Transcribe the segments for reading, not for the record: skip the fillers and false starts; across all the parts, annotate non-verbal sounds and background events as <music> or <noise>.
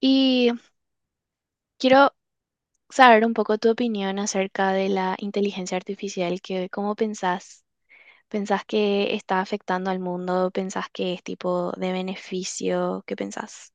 Y quiero saber un poco tu opinión acerca de la inteligencia artificial, que cómo pensás, pensás que está afectando al mundo, pensás que es tipo de beneficio, ¿qué pensás?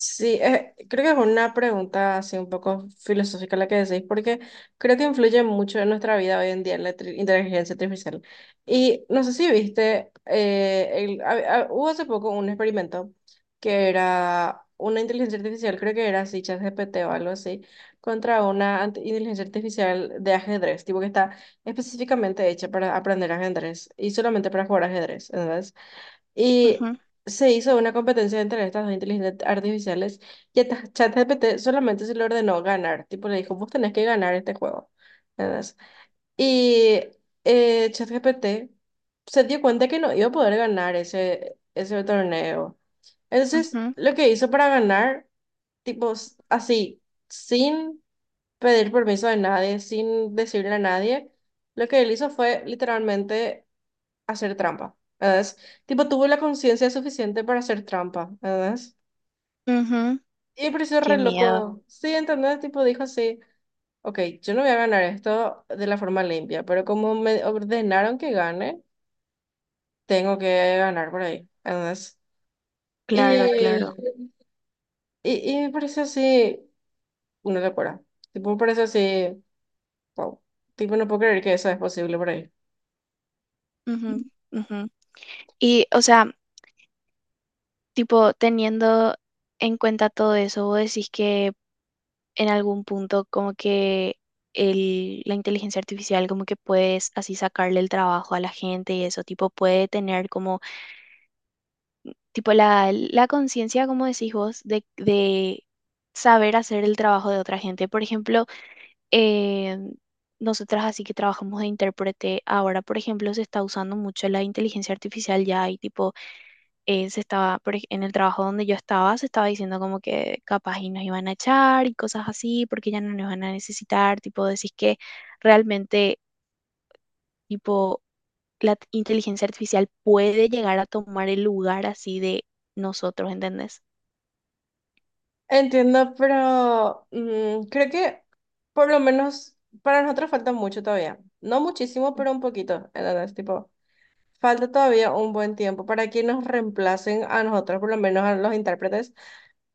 Sí, creo que es una pregunta así un poco filosófica la que decís, porque creo que influye mucho en nuestra vida hoy en día la inteligencia artificial. Y no sé si viste, hubo hace poco un experimento que era una inteligencia artificial, creo que era así, ChatGPT o algo así, contra una inteligencia artificial de ajedrez, tipo que está específicamente hecha para aprender ajedrez y solamente para jugar ajedrez, y Ujú, se hizo una competencia entre estas dos inteligencias artificiales y esta ChatGPT solamente se le ordenó ganar. Tipo, le dijo, vos tenés que ganar este juego. ¿Entendés? Y ChatGPT se dio cuenta que no iba a poder ganar ese torneo. Entonces, ujú, lo que hizo para ganar, tipo, así, sin pedir permiso de nadie, sin decirle a nadie, lo que él hizo fue literalmente hacer trampa, ¿verdad? Tipo, tuvo la conciencia suficiente para hacer trampa, ¿verdad? ujú. Y me pareció Qué re miedo, loco. Sí, ¿entendés? Tipo, dijo así, ok, yo no voy a ganar esto de la forma limpia, pero como me ordenaron que gane, tengo que ganar por ahí, ¿entendés? claro, Y, claro. y me pareció así una locura. Tipo, me pareció así, wow. Tipo, no puedo creer que eso es posible por ahí. Ujú, ujú. Y, o sea, tipo, teniendo en cuenta todo eso, vos decís que en algún punto como que la inteligencia artificial como que puedes así sacarle el trabajo a la gente y eso, tipo puede tener como, tipo la conciencia, como decís vos, de saber hacer el trabajo de otra gente. Por ejemplo, eh, nosotras así que trabajamos de intérprete, ahora por ejemplo se está usando mucho la inteligencia artificial ya y tipo se estaba, en el trabajo donde yo estaba, se estaba diciendo como que capaz y nos iban a echar y cosas así, porque ya no nos van a necesitar, tipo, decís que realmente, tipo, la inteligencia artificial puede llegar a tomar el lugar así de nosotros, ¿entendés? Entiendo, pero mm, creo que por lo menos para nosotros falta mucho todavía. No muchísimo, pero un poquito. ¿Entendés? Tipo, falta todavía un buen tiempo para que nos reemplacen a nosotros, por lo menos a los intérpretes,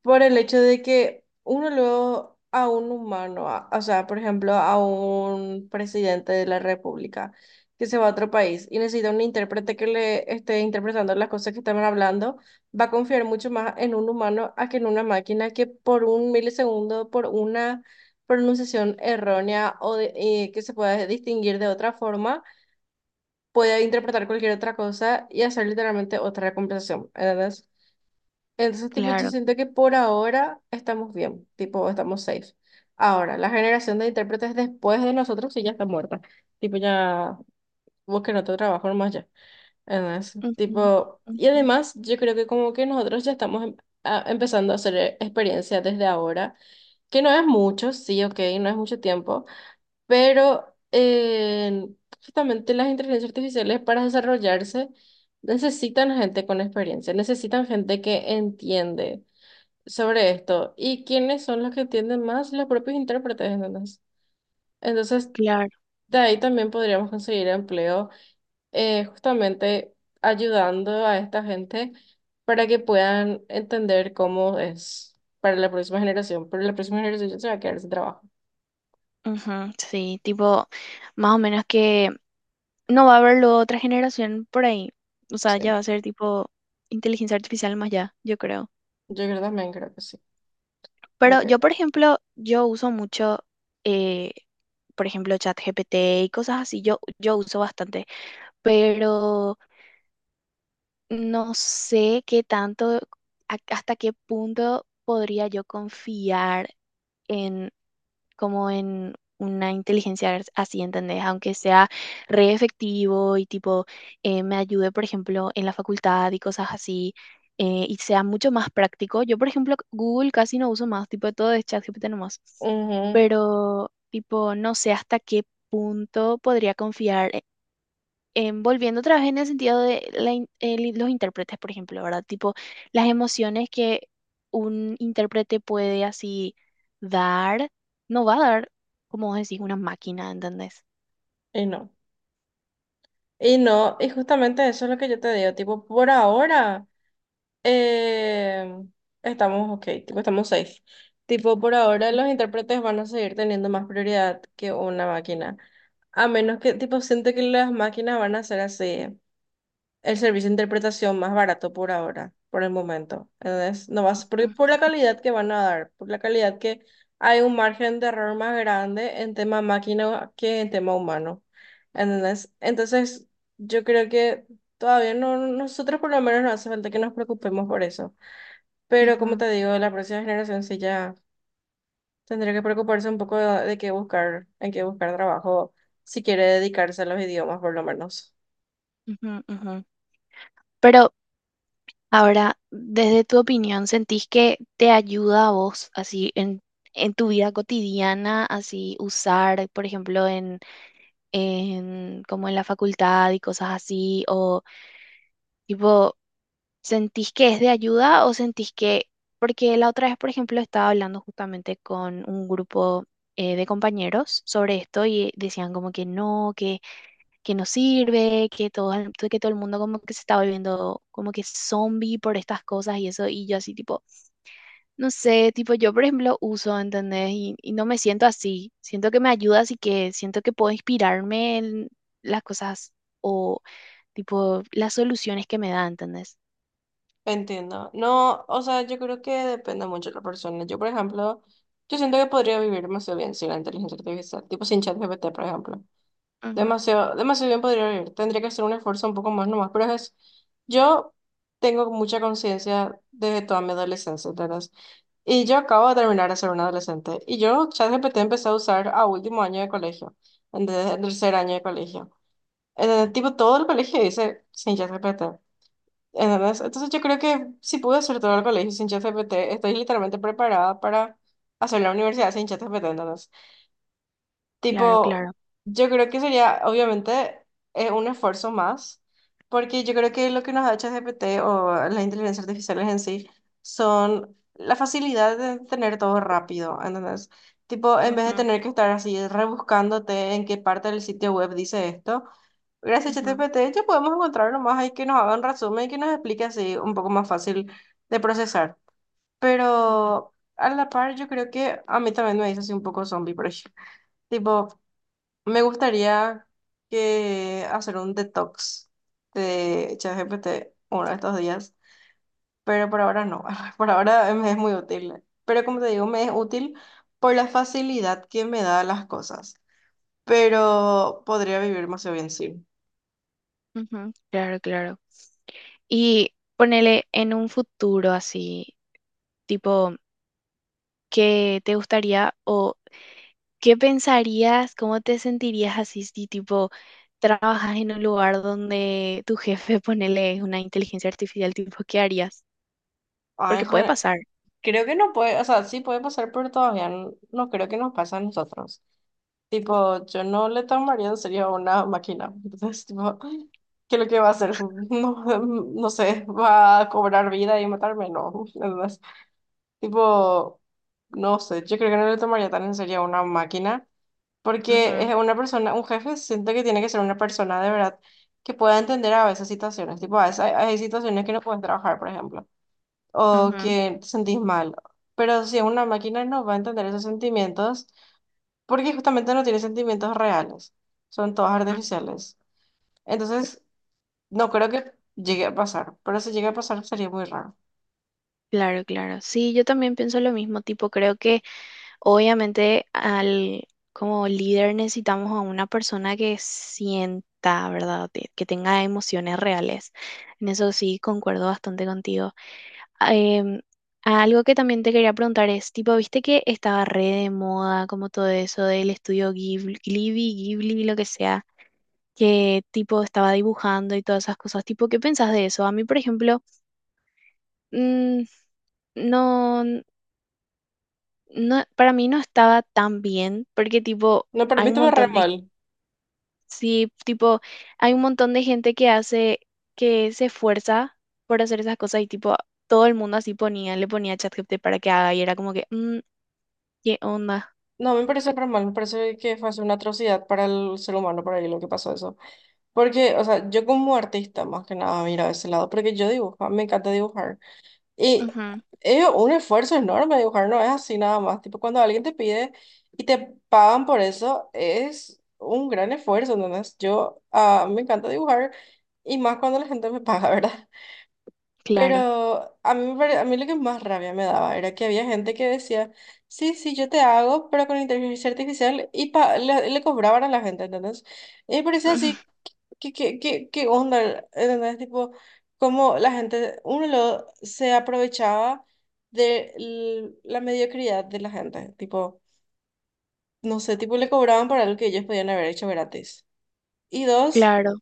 por el hecho de que uno luego a un humano, o sea, por ejemplo, a un presidente de la República que se va a otro país y necesita un intérprete que le esté interpretando las cosas que estaban hablando, va a confiar mucho más en un humano a que en una máquina que por un milisegundo, por una pronunciación errónea o que se pueda distinguir de otra forma podía interpretar cualquier otra cosa y hacer literalmente otra conversación, ¿entendés? Entonces, tipo, yo Claro. siento que por ahora estamos bien, tipo, estamos safe. Ahora, la generación de intérpretes después de nosotros sí ya está muerta. Tipo, ya busquen otro trabajo nomás ya. ¿Entendés? Ujú, Tipo, y ujú. además, yo creo que como que nosotros ya estamos empezando a hacer experiencia desde ahora, que no es mucho, sí, ok, no es mucho tiempo, pero justamente las inteligencias artificiales para desarrollarse necesitan gente con experiencia, necesitan gente que entiende sobre esto. ¿Y quiénes son los que entienden más? Los propios intérpretes, ¿entendés? Entonces, Claro. de ahí también podríamos conseguir empleo justamente ayudando a esta gente para que puedan entender cómo es para la próxima generación, pero la próxima generación se va a quedar sin trabajo. Ujú, sí, tipo, más o menos que no va a haber luego otra generación por ahí. O sea, ya Sí. va a ser tipo inteligencia artificial más allá, yo creo. Yo creo también, creo que sí. Creo Pero que yo, por ejemplo, yo uso mucho, eh, por ejemplo, ChatGPT y cosas así, yo uso bastante, pero no sé qué tanto, hasta qué punto podría yo confiar. En, Como en una inteligencia así, ¿entendés? Aunque sea re efectivo y tipo me ayude, por ejemplo, en la facultad y cosas así, y sea mucho más práctico. Yo, por ejemplo, Google casi no uso más, tipo todo es ChatGPT nomás, ujú, pero tipo no sé hasta qué punto podría confiar volviendo otra vez en el sentido de los intérpretes, por ejemplo, ¿verdad? Tipo, las emociones que un intérprete puede así dar, no va a dar, como vos decís, una máquina, ¿entendés? Y no, y no, y justamente eso es lo que yo te digo, tipo, por ahora eh, estamos ok, tipo, estamos safe. Tipo, por ahora los intérpretes van a seguir teniendo más prioridad que una máquina. A menos que, tipo, siento que las máquinas van a ser así el servicio de interpretación más barato por ahora, por el momento. Entonces, no vas, porque Ujú, por la calidad que van a dar, por la calidad que hay un margen de error más grande en tema máquina que en tema humano. ¿Entendés? Entonces, yo creo que todavía no, nosotros por lo menos no hace falta que nos preocupemos por eso. Pero como ujú, te digo, la próxima generación sí ya tendría que preocuparse un poco de qué buscar, en qué buscar trabajo, si quiere dedicarse a los idiomas por lo menos. ujú, ujú. Pero ahora, desde tu opinión, ¿sentís que te ayuda a vos así en tu vida cotidiana, así usar, por ejemplo, en como en la facultad y cosas así, o tipo ¿sentís que es de ayuda o sentís que, porque la otra vez, por ejemplo, estaba hablando justamente con un grupo de compañeros sobre esto y decían como que no, que no sirve, que todo el mundo como que se está volviendo como que zombie por estas cosas y eso, y yo así tipo, no sé, tipo yo por ejemplo uso, ¿entendés? Y no me siento así, siento que me ayuda, así que siento que puedo inspirarme en las cosas o tipo las soluciones que me da, ¿entendés? Entiendo. No, o sea, yo creo que depende mucho de la persona. Yo, por ejemplo, yo siento que podría vivir demasiado bien sin la inteligencia artificial, tipo sin ChatGPT, por ejemplo. Ujú. Demasiado, demasiado bien podría vivir. Tendría que hacer un esfuerzo un poco más nomás, pero es, yo tengo mucha conciencia desde toda mi adolescencia, ¿entendés? Y yo acabo de terminar de ser un adolescente. Y yo ChatGPT empecé a usar a último año de colegio, en tercer año de colegio. Tipo, todo el colegio dice sin ChatGPT. ¿Entendés? Entonces yo creo que si pude hacer todo el colegio sin ChatGPT, estoy literalmente preparada para hacer la universidad sin ChatGPT, ¿entendés? Claro, Tipo, claro. yo creo que sería, obviamente, un esfuerzo más, porque yo creo que lo que nos da ChatGPT o las inteligencias artificiales en sí son la facilidad de tener todo rápido, ¿entendés? Tipo, en vez de Ujú, tener que estar así rebuscándote en qué parte del sitio web dice esto, gracias a ujú, ChatGPT ya podemos encontrar nomás ahí que nos haga un resumen y que nos explique así un poco más fácil de procesar. ujú, Pero a la par, yo creo que a mí también me hizo así un poco zombie, por ejemplo. <laughs> Tipo, me gustaría que hacer un detox de ChatGPT uno de estos días, pero por ahora no. <laughs> Por ahora me es muy útil. Pero como te digo, me es útil por la facilidad que me da las cosas. Pero podría vivir demasiado bien sin. ujú. Claro, claro. Y ponele en un futuro así, tipo, ¿qué te gustaría o qué pensarías, cómo te sentirías así si tipo trabajas en un lugar donde tu jefe <laughs> ponele es una inteligencia artificial, tipo, ¿qué harías? Ay, Porque puede joder, pasar. creo que no puede, o sea, sí puede pasar, pero todavía no, no creo que nos pase a nosotros. Tipo, yo no le tomaría en serio a una máquina. Entonces, tipo, ¿qué es lo que va a hacer? <laughs> No, no sé, ¿va a cobrar vida y matarme? No. <laughs> Entonces, tipo, no sé, yo creo que no le tomaría tan en serio a una máquina, porque Ujú, es una persona, un jefe, siento que tiene que ser una persona de verdad que pueda entender a veces situaciones. Tipo, a veces hay situaciones que no puedes trabajar, por ejemplo, o ujú, que te sentís mal. Pero si es una máquina no va a entender esos sentimientos porque justamente no tiene sentimientos reales, son todas ujú. artificiales. Entonces, no creo que llegue a pasar, pero si llega a pasar sería muy raro. Claro, claro. Sí, yo también pienso lo mismo, tipo, creo que obviamente, como líder necesitamos a una persona que sienta, ¿verdad? Que tenga emociones reales. En eso sí, concuerdo bastante contigo. Ah, algo que también te quería preguntar es, tipo, viste que estaba re de moda, como todo eso del estudio Ghibli, Ghibli, Ghibli, lo que sea, que tipo estaba dibujando y todas esas cosas. Tipo, ¿qué pensás de eso? A mí, por ejemplo, mm, no. No, para mí no estaba tan bien, porque tipo, No, pero a hay mí un estuvo re montón de, mal. sí, tipo, hay un montón de gente que hace, que se esfuerza por hacer esas cosas y tipo, todo el mundo así ponía, le ponía ChatGPT para que haga y era como que, "Mm, ¿qué onda?" No, me parece re mal, me parece que fue una atrocidad para el ser humano, por ahí lo que pasó eso. Porque, o sea, yo como artista, más que nada, miro ese lado, porque yo dibujo, me encanta dibujar. Y Ujú, es un esfuerzo enorme dibujar, no es así nada más. Tipo, cuando alguien te pide y te pagan por eso, es un gran esfuerzo, ¿entendés? Yo, ah, me encanta dibujar y más cuando la gente me <laughs> paga, ¿verdad? Pero claro, a mí, a mí lo que más rabia me daba era que había gente que decía, sí, sí, yo te hago, pero con inteligencia artificial y le cobraban a la gente, ¿entendés? Y me <laughs> parecía ujú, así ¿ qué onda? ¿Entendés? Tipo, cómo la gente, uno lo, se aprovechaba de la mediocridad de la gente. Tipo, no sé, tipo le cobraban por algo que ellos podían haber hecho gratis. Y dos, claro.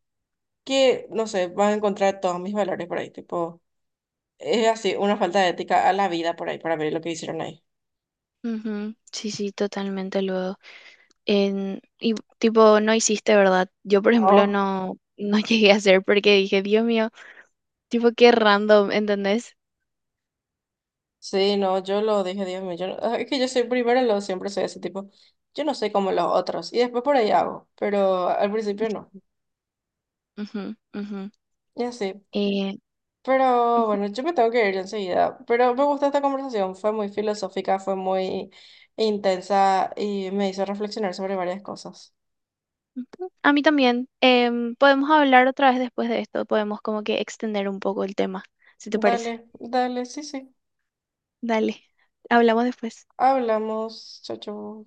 que, no sé, van a encontrar todos mis valores por ahí. Tipo, es así, una falta de ética a la vida por ahí, para ver lo que hicieron ahí. Ujú, sí, sí, totalmente luego. Y tipo, no hiciste, ¿verdad? Yo, por ejemplo, No, no, no <laughs> llegué a hacer porque dije, Dios mío, tipo, qué random, ¿entendés? sí, no, yo lo dije, Dios mío, yo, es que yo soy primero, lo siempre soy ese tipo. Yo no soy como los otros, y después por ahí hago, pero al principio no. Ujú, ujú. Y así. Pero bueno, yo me tengo que ir enseguida. Pero me gustó esta conversación, fue muy filosófica, fue muy intensa y me hizo reflexionar sobre varias cosas. Ujú, a mí también. Podemos hablar otra vez después de esto. Podemos como que extender un poco el tema, si te parece. Dale, dale, sí, sí. Dale, hablamos después. Hablamos. Chau, chau.